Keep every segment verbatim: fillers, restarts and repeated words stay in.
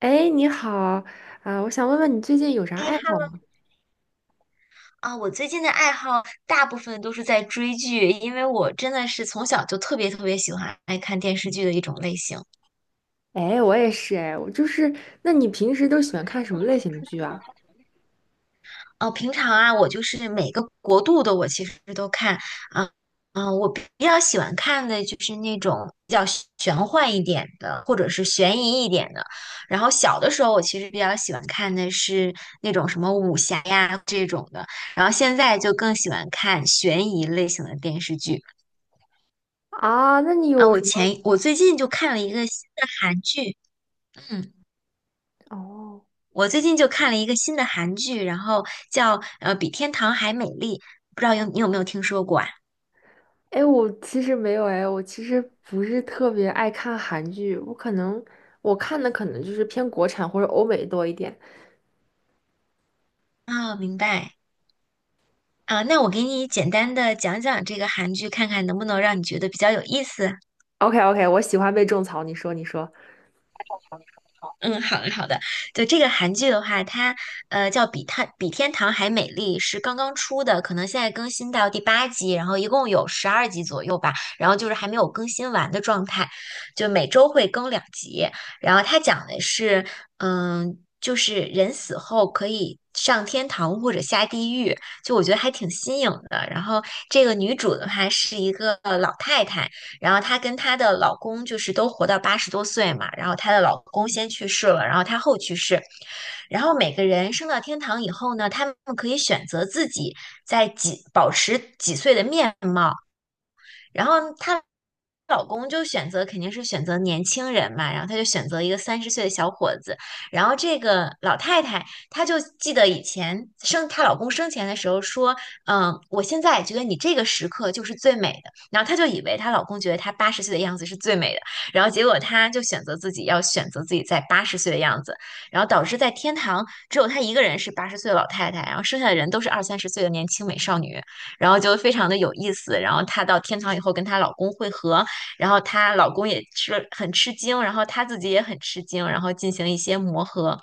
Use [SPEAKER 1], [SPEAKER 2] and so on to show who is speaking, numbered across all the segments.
[SPEAKER 1] 哎，你好，啊、我想问问你最近有啥
[SPEAKER 2] 哎
[SPEAKER 1] 爱好
[SPEAKER 2] 哈
[SPEAKER 1] 吗？
[SPEAKER 2] 啊，我最近的爱好大部分都是在追剧，因为我真的是从小就特别特别喜欢爱看电视剧的一种类型。
[SPEAKER 1] 哎，我也是，哎，我就是，那你平时都喜欢看什么类型的剧啊？
[SPEAKER 2] 哦，平常啊，我就是每个国度的我其实都看啊，嗯、我比较喜欢看的就是那种比较玄幻一点的，或者是悬疑一点的。然后小的时候，我其实比较喜欢看的是那种什么武侠呀这种的，然后现在就更喜欢看悬疑类型的电视剧。
[SPEAKER 1] 啊，那你
[SPEAKER 2] 啊，
[SPEAKER 1] 有
[SPEAKER 2] 我
[SPEAKER 1] 什么？
[SPEAKER 2] 前我最近就看了一个新的韩剧，嗯，
[SPEAKER 1] 哦，
[SPEAKER 2] 我最近就看了一个新的韩剧，然后叫呃《比天堂还美丽》，不知道有你有没有听说过啊？
[SPEAKER 1] 哎，我其实没有，哎，我其实不是特别爱看韩剧，我可能我看的可能就是偏国产或者欧美多一点。
[SPEAKER 2] 啊，明白啊，那我给你简单的讲讲这个韩剧，看看能不能让你觉得比较有意思。
[SPEAKER 1] OK OK，我喜欢被种草，你说你说。
[SPEAKER 2] 嗯，好的好的。就这个韩剧的话，它呃叫比它比天堂还美丽，是刚刚出的，可能现在更新到第八集，然后一共有十二集左右吧，然后就是还没有更新完的状态，就每周会更两集。然后它讲的是，嗯，就是人死后可以上天堂或者下地狱，就我觉得还挺新颖的。然后这个女主的话是一个老太太。然后她跟她的老公就是都活到八十多岁嘛，然后她的老公先去世了，然后她后去世，然后每个人升到天堂以后呢，他们可以选择自己在几保持几岁的面貌。然后她老公就选择肯定是选择年轻人嘛，然后她就选择一个三十岁的小伙子，然后这个老太太她就记得以前生她老公生前的时候说，嗯，我现在觉得你这个时刻就是最美的，然后她就以为她老公觉得她八十岁的样子是最美的，然后结果她就选择自己要选择自己在八十岁的样子，然后导致在天堂只有她一个人是八十岁的老太太，然后剩下的人都是二三十岁的年轻美少女。然后就非常的有意思。然后她到天堂以后跟她老公会合，然后她老公也吃很吃惊，然后她自己也很吃惊，然后进行一些磨合。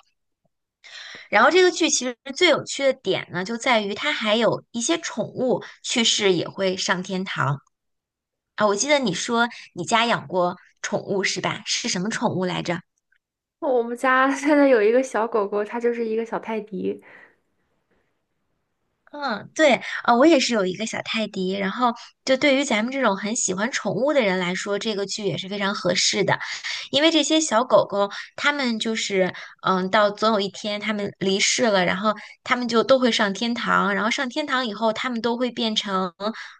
[SPEAKER 2] 然后这个剧其实最有趣的点呢，就在于它还有一些宠物去世也会上天堂啊。我记得你说你家养过宠物是吧？是什么宠物来着？
[SPEAKER 1] 我们家现在有一个小狗狗，它就是一个小泰迪。
[SPEAKER 2] 嗯，对啊，我也是有一个小泰迪，然后就对于咱们这种很喜欢宠物的人来说，这个剧也是非常合适的，因为这些小狗狗，它们就是嗯，到总有一天它们离世了，然后它们就都会上天堂，然后上天堂以后，它们都会变成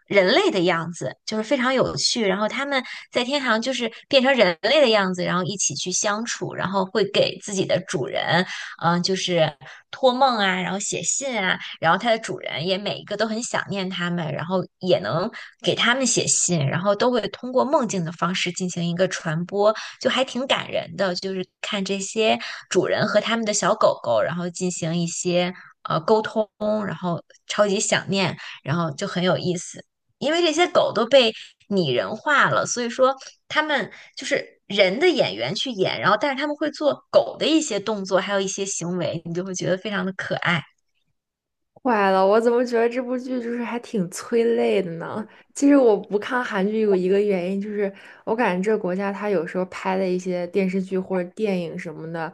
[SPEAKER 2] 人类的样子，就是非常有趣，然后它们在天堂就是变成人类的样子，然后一起去相处，然后会给自己的主人。嗯，就是托梦啊，然后写信啊，然后它的主人也每一个都很想念它们，然后也能给它们写信，然后都会通过梦境的方式进行一个传播，就还挺感人的。就是看这些主人和他们的小狗狗，然后进行一些呃沟通，然后超级想念，然后就很有意思。因为这些狗都被拟人化了，所以说他们就是人的演员去演，然后但是他们会做狗的一些动作，还有一些行为，你就会觉得非常的可爱。
[SPEAKER 1] 坏了，我怎么觉得这部剧就是还挺催泪的呢？其实我不看韩剧有一个原因，就是我感觉这个国家它有时候拍的一些电视剧或者电影什么的，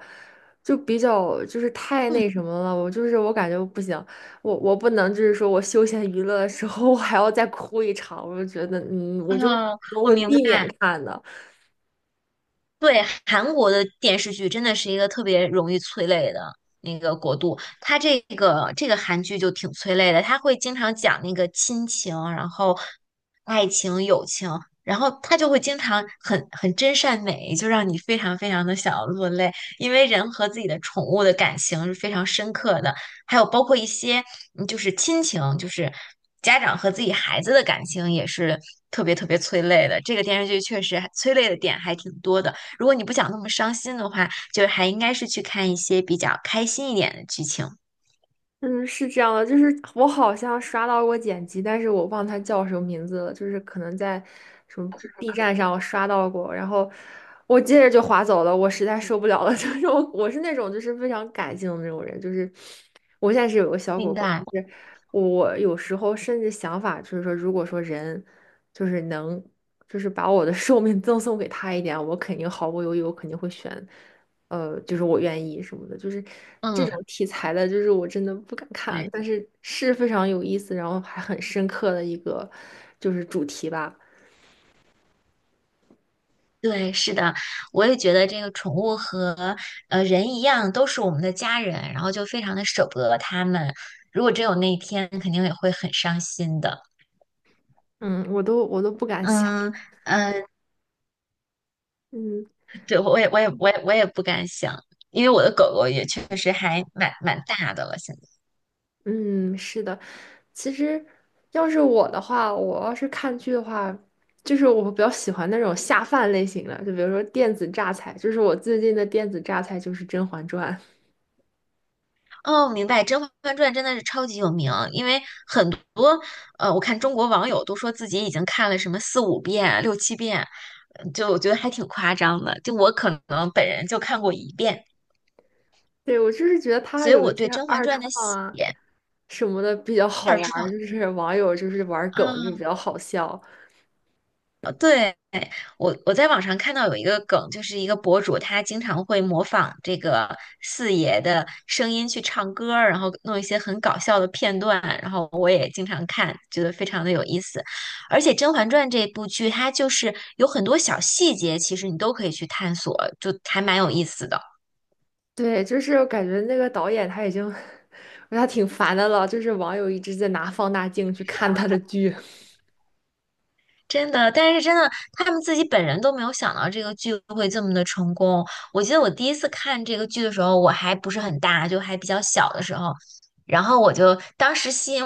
[SPEAKER 1] 就比较就是太那什么了。我就是我感觉不行，我我不能就是说我休闲娱乐的时候我还要再哭一场，我就觉得嗯，我就
[SPEAKER 2] 嗯，
[SPEAKER 1] 我
[SPEAKER 2] 我
[SPEAKER 1] 会
[SPEAKER 2] 明白，
[SPEAKER 1] 避免看的。
[SPEAKER 2] 对，韩国的电视剧真的是一个特别容易催泪的那个国度，它这个这个韩剧就挺催泪的，它会经常讲那个亲情，然后爱情、友情，然后它就会经常很很真善美，就让你非常非常的想要落泪，因为人和自己的宠物的感情是非常深刻的，还有包括一些嗯就是亲情，就是家长和自己孩子的感情也是特别特别催泪的，这个电视剧确实还催泪的点还挺多的。如果你不想那么伤心的话，就是还应该是去看一些比较开心一点的剧情。
[SPEAKER 1] 嗯，是这样的，就是我好像刷到过剪辑，但是我忘它叫什么名字了，就是可能在什么 B 站上我刷到过，然后我接着就划走了，我实在受不了了，就是我我是那种就是非常感性的那种人，就是我现在是有个小果
[SPEAKER 2] 明
[SPEAKER 1] 果，就
[SPEAKER 2] 白，
[SPEAKER 1] 是我有时候甚至想法就是说，如果说人就是能就是把我的 寿命赠送给他一点，我肯定毫不犹豫，我肯定会选。呃，就是我愿意什么的，就是这种
[SPEAKER 2] 嗯，
[SPEAKER 1] 题材的，就是我真的不敢看，
[SPEAKER 2] 对
[SPEAKER 1] 但是是非常有意思，然后还很深刻的一个就是主题吧。
[SPEAKER 2] 对，是的，我也觉得这个宠物和呃人一样，都是我们的家人，然后就非常的舍不得他们。如果真有那一天，肯定也会很伤心的。
[SPEAKER 1] 嗯，我都我都不敢
[SPEAKER 2] 嗯
[SPEAKER 1] 想。
[SPEAKER 2] 嗯，呃
[SPEAKER 1] 嗯
[SPEAKER 2] 对，我也我也我也我也不敢想，因为我的狗狗也确实还蛮蛮大的了，现在。
[SPEAKER 1] 嗯，是的，其实要是我的话，我要是看剧的话，就是我比较喜欢那种下饭类型的，就比如说电子榨菜，就是我最近的电子榨菜就是《甄嬛传》。
[SPEAKER 2] 哦，明白，《甄嬛传》真的是超级有名，因为很多呃，我看中国网友都说自己已经看了什么四五遍、六七遍，嗯就我觉得还挺夸张的。就我可能本人就看过一遍，
[SPEAKER 1] 对，我就是觉得他
[SPEAKER 2] 所以
[SPEAKER 1] 有
[SPEAKER 2] 我
[SPEAKER 1] 一些
[SPEAKER 2] 对《甄嬛
[SPEAKER 1] 二
[SPEAKER 2] 传》
[SPEAKER 1] 创
[SPEAKER 2] 的写
[SPEAKER 1] 啊什么的比较好
[SPEAKER 2] 二
[SPEAKER 1] 玩
[SPEAKER 2] 创
[SPEAKER 1] 儿，就是网友就是玩儿梗就比
[SPEAKER 2] 啊，
[SPEAKER 1] 较好笑。
[SPEAKER 2] 对。我我在网上看到有一个梗，就是一个博主，他经常会模仿这个四爷的声音去唱歌儿，然后弄一些很搞笑的片段，然后我也经常看，觉得非常的有意思。而且《甄嬛传》这部剧，它就是有很多小细节，其实你都可以去探索，就还蛮有意思的。
[SPEAKER 1] 对，就是我感觉那个导演他已经，他挺烦的了，就是网友一直在拿放大镜去看他的剧。
[SPEAKER 2] 真的，但是真的，他们自己本人都没有想到这个剧会这么的成功。我记得我第一次看这个剧的时候，我还不是很大，就还比较小的时候，然后我就当时吸引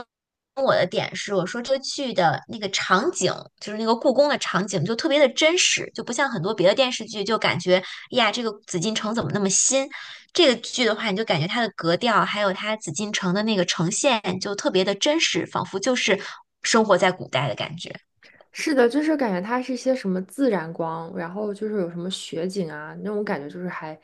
[SPEAKER 2] 我的点是，我说这个剧的那个场景，就是那个故宫的场景，就特别的真实，就不像很多别的电视剧，就感觉呀，这个紫禁城怎么那么新？这个剧的话，你就感觉它的格调，还有它紫禁城的那个呈现，就特别的真实，仿佛就是生活在古代的感觉。
[SPEAKER 1] 是的，就是感觉它是一些什么自然光，然后就是有什么雪景啊，那种感觉就是还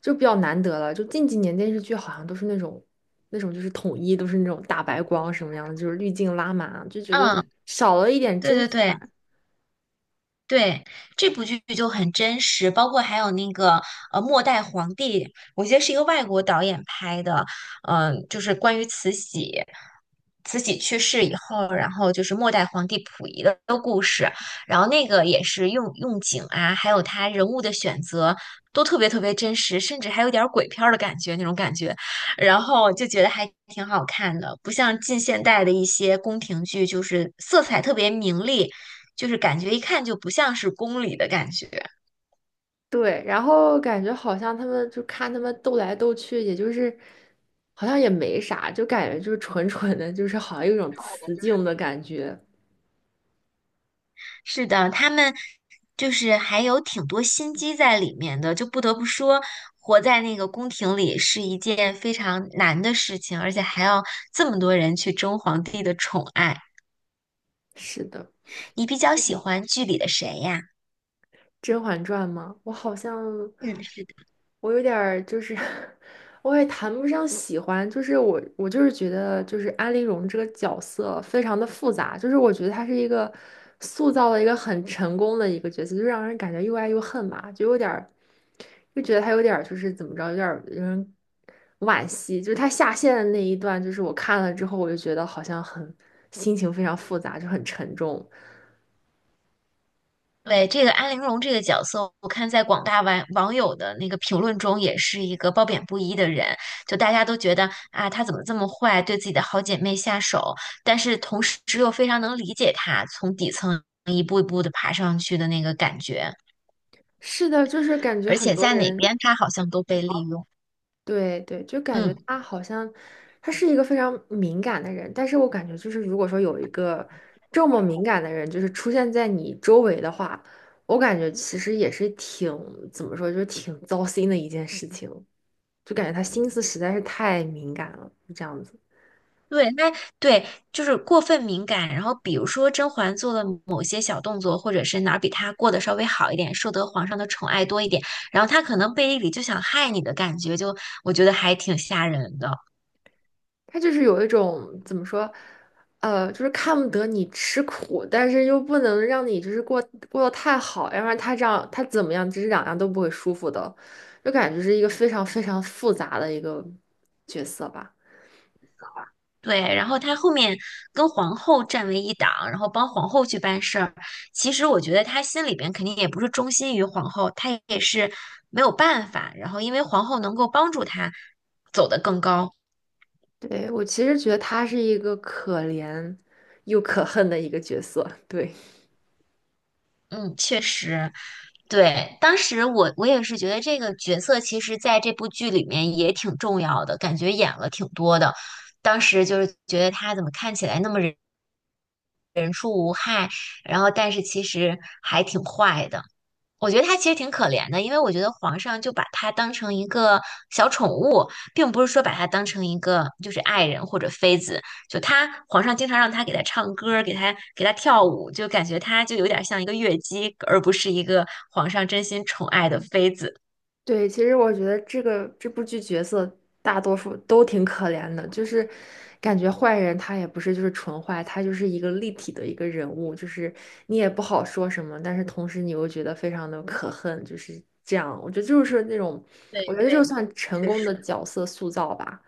[SPEAKER 1] 就比较难得了。就近几年电视剧好像都是那种那种就是统一都是那种大白光什么样的，就是滤镜拉满，就觉得
[SPEAKER 2] 嗯。
[SPEAKER 1] 少了一点
[SPEAKER 2] 对
[SPEAKER 1] 真
[SPEAKER 2] 对
[SPEAKER 1] 实感。
[SPEAKER 2] 对对，这部剧就很真实，包括还有那个呃《末代皇帝》，我记得是一个外国导演拍的，嗯、就是关于慈禧，慈禧去世以后，然后就是末代皇帝溥仪的故事，然后那个也是用用景啊，还有他人物的选择都特别特别真实，甚至还有点儿鬼片儿的感觉那种感觉，然后就觉得还挺好看的，不像近现代的一些宫廷剧，就是色彩特别明丽。就是感觉一看就不像是宫里的感觉。
[SPEAKER 1] 对，然后感觉好像他们就看他们斗来斗去，也就是好像也没啥，就感觉就是纯纯的，就是好像有一种雌竞的感觉。
[SPEAKER 2] 是的，他们就是还有挺多心机在里面的，就不得不说，活在那个宫廷里是一件非常难的事情，而且还要这么多人去争皇帝的宠爱。
[SPEAKER 1] 是的。
[SPEAKER 2] 你比较喜欢剧里的谁呀？
[SPEAKER 1] 《甄嬛传》吗？我好像
[SPEAKER 2] 嗯，
[SPEAKER 1] 我有点儿就是 我也谈不上喜欢，就是我我就是觉得就是安陵容这个角色非常的复杂，就是我觉得她是一个塑造了一个很成功的一个角色，就让人感觉又爱又恨吧，就有点儿就觉得她有点儿就是怎么着，有点儿让人惋惜，就是她下线的那一段，就是我看了之后，我就觉得好像很心情非常复杂，就很沉重。
[SPEAKER 2] 对，这个安陵容这个角色，我看在广大网网友的那个评论中，也是一个褒贬不一的人。就大家都觉得啊，她怎么这么坏，对自己的好姐妹下手，但是同时又非常能理解她从底层一步一步的爬上去的那个感觉，
[SPEAKER 1] 是的，就是感觉
[SPEAKER 2] 而
[SPEAKER 1] 很
[SPEAKER 2] 且
[SPEAKER 1] 多
[SPEAKER 2] 在哪
[SPEAKER 1] 人。
[SPEAKER 2] 边她好像都被利用。
[SPEAKER 1] 对对，就感觉
[SPEAKER 2] 嗯。
[SPEAKER 1] 他好像他是一个非常敏感的人，但是我感觉就是如果说有一个这么敏感的人，就是出现在你周围的话，我感觉其实也是挺怎么说，就是挺糟心的一件事情，就感觉他心思实在是太敏感了，就这样子。
[SPEAKER 2] 对，那对就是过分敏感。然后比如说甄嬛做的某些小动作，或者是哪儿比她过得稍微好一点，受得皇上的宠爱多一点，然后她可能背地里就想害你的感觉，就我觉得还挺吓人的。
[SPEAKER 1] 他就是有一种怎么说，呃，就是看不得你吃苦，但是又不能让你就是过过得太好，要不然他这样他怎么样，这是两样都不会舒服的，就感觉是一个非常非常复杂的一个角色吧。
[SPEAKER 2] 对，然后她后面跟皇后站为一党，然后帮皇后去办事儿。其实我觉得她心里边肯定也不是忠心于皇后，她也是没有办法。然后因为皇后能够帮助她走得更高。
[SPEAKER 1] 对，我其实觉得他是一个可怜又可恨的一个角色，对。
[SPEAKER 2] 嗯，确实，对，当时我我也是觉得这个角色其实在这部剧里面也挺重要的，感觉演了挺多的。当时就是觉得他怎么看起来那么人人畜无害，然后但是其实还挺坏的。我觉得他其实挺可怜的，因为我觉得皇上就把他当成一个小宠物，并不是说把他当成一个就是爱人或者妃子。就他皇上经常让他给他唱歌儿，给他给他跳舞，就感觉他就有点像一个乐姬，而不是一个皇上真心宠爱的妃子。
[SPEAKER 1] 对，其实我觉得这个这部剧角色大多数都挺可怜的，就是感觉坏人他也不是就是纯坏，他就是一个立体的一个人物，就是你也不好说什么，但是同时你又觉得非常的可恨，就是这样。我觉得就是那种，我
[SPEAKER 2] 对
[SPEAKER 1] 觉得这就
[SPEAKER 2] 对，
[SPEAKER 1] 算成
[SPEAKER 2] 确
[SPEAKER 1] 功的
[SPEAKER 2] 实。
[SPEAKER 1] 角色塑造吧。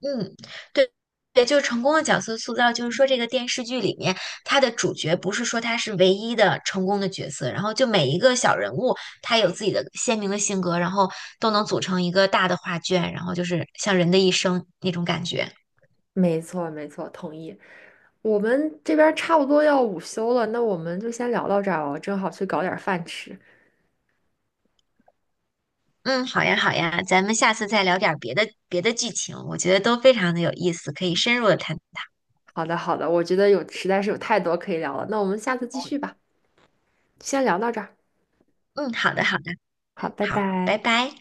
[SPEAKER 2] 嗯，对对，就是成功的角色塑造，就是说这个电视剧里面，他的主角不是说他是唯一的成功的角色，然后就每一个小人物，他有自己的鲜明的性格，然后都能组成一个大的画卷，然后就是像人的一生那种感觉。
[SPEAKER 1] 没错，没错，同意。我们这边差不多要午休了，那我们就先聊到这儿吧，我正好去搞点饭吃。
[SPEAKER 2] 嗯，好呀好呀，咱们下次再聊点儿别的别的剧情，我觉得都非常的有意思，可以深入的探讨。
[SPEAKER 1] 好的，好的，我觉得有实在是有太多可以聊了，那我们下次继续吧。先聊到这儿，
[SPEAKER 2] 嗯，好的好的，
[SPEAKER 1] 好，拜
[SPEAKER 2] 好，
[SPEAKER 1] 拜。
[SPEAKER 2] 拜拜。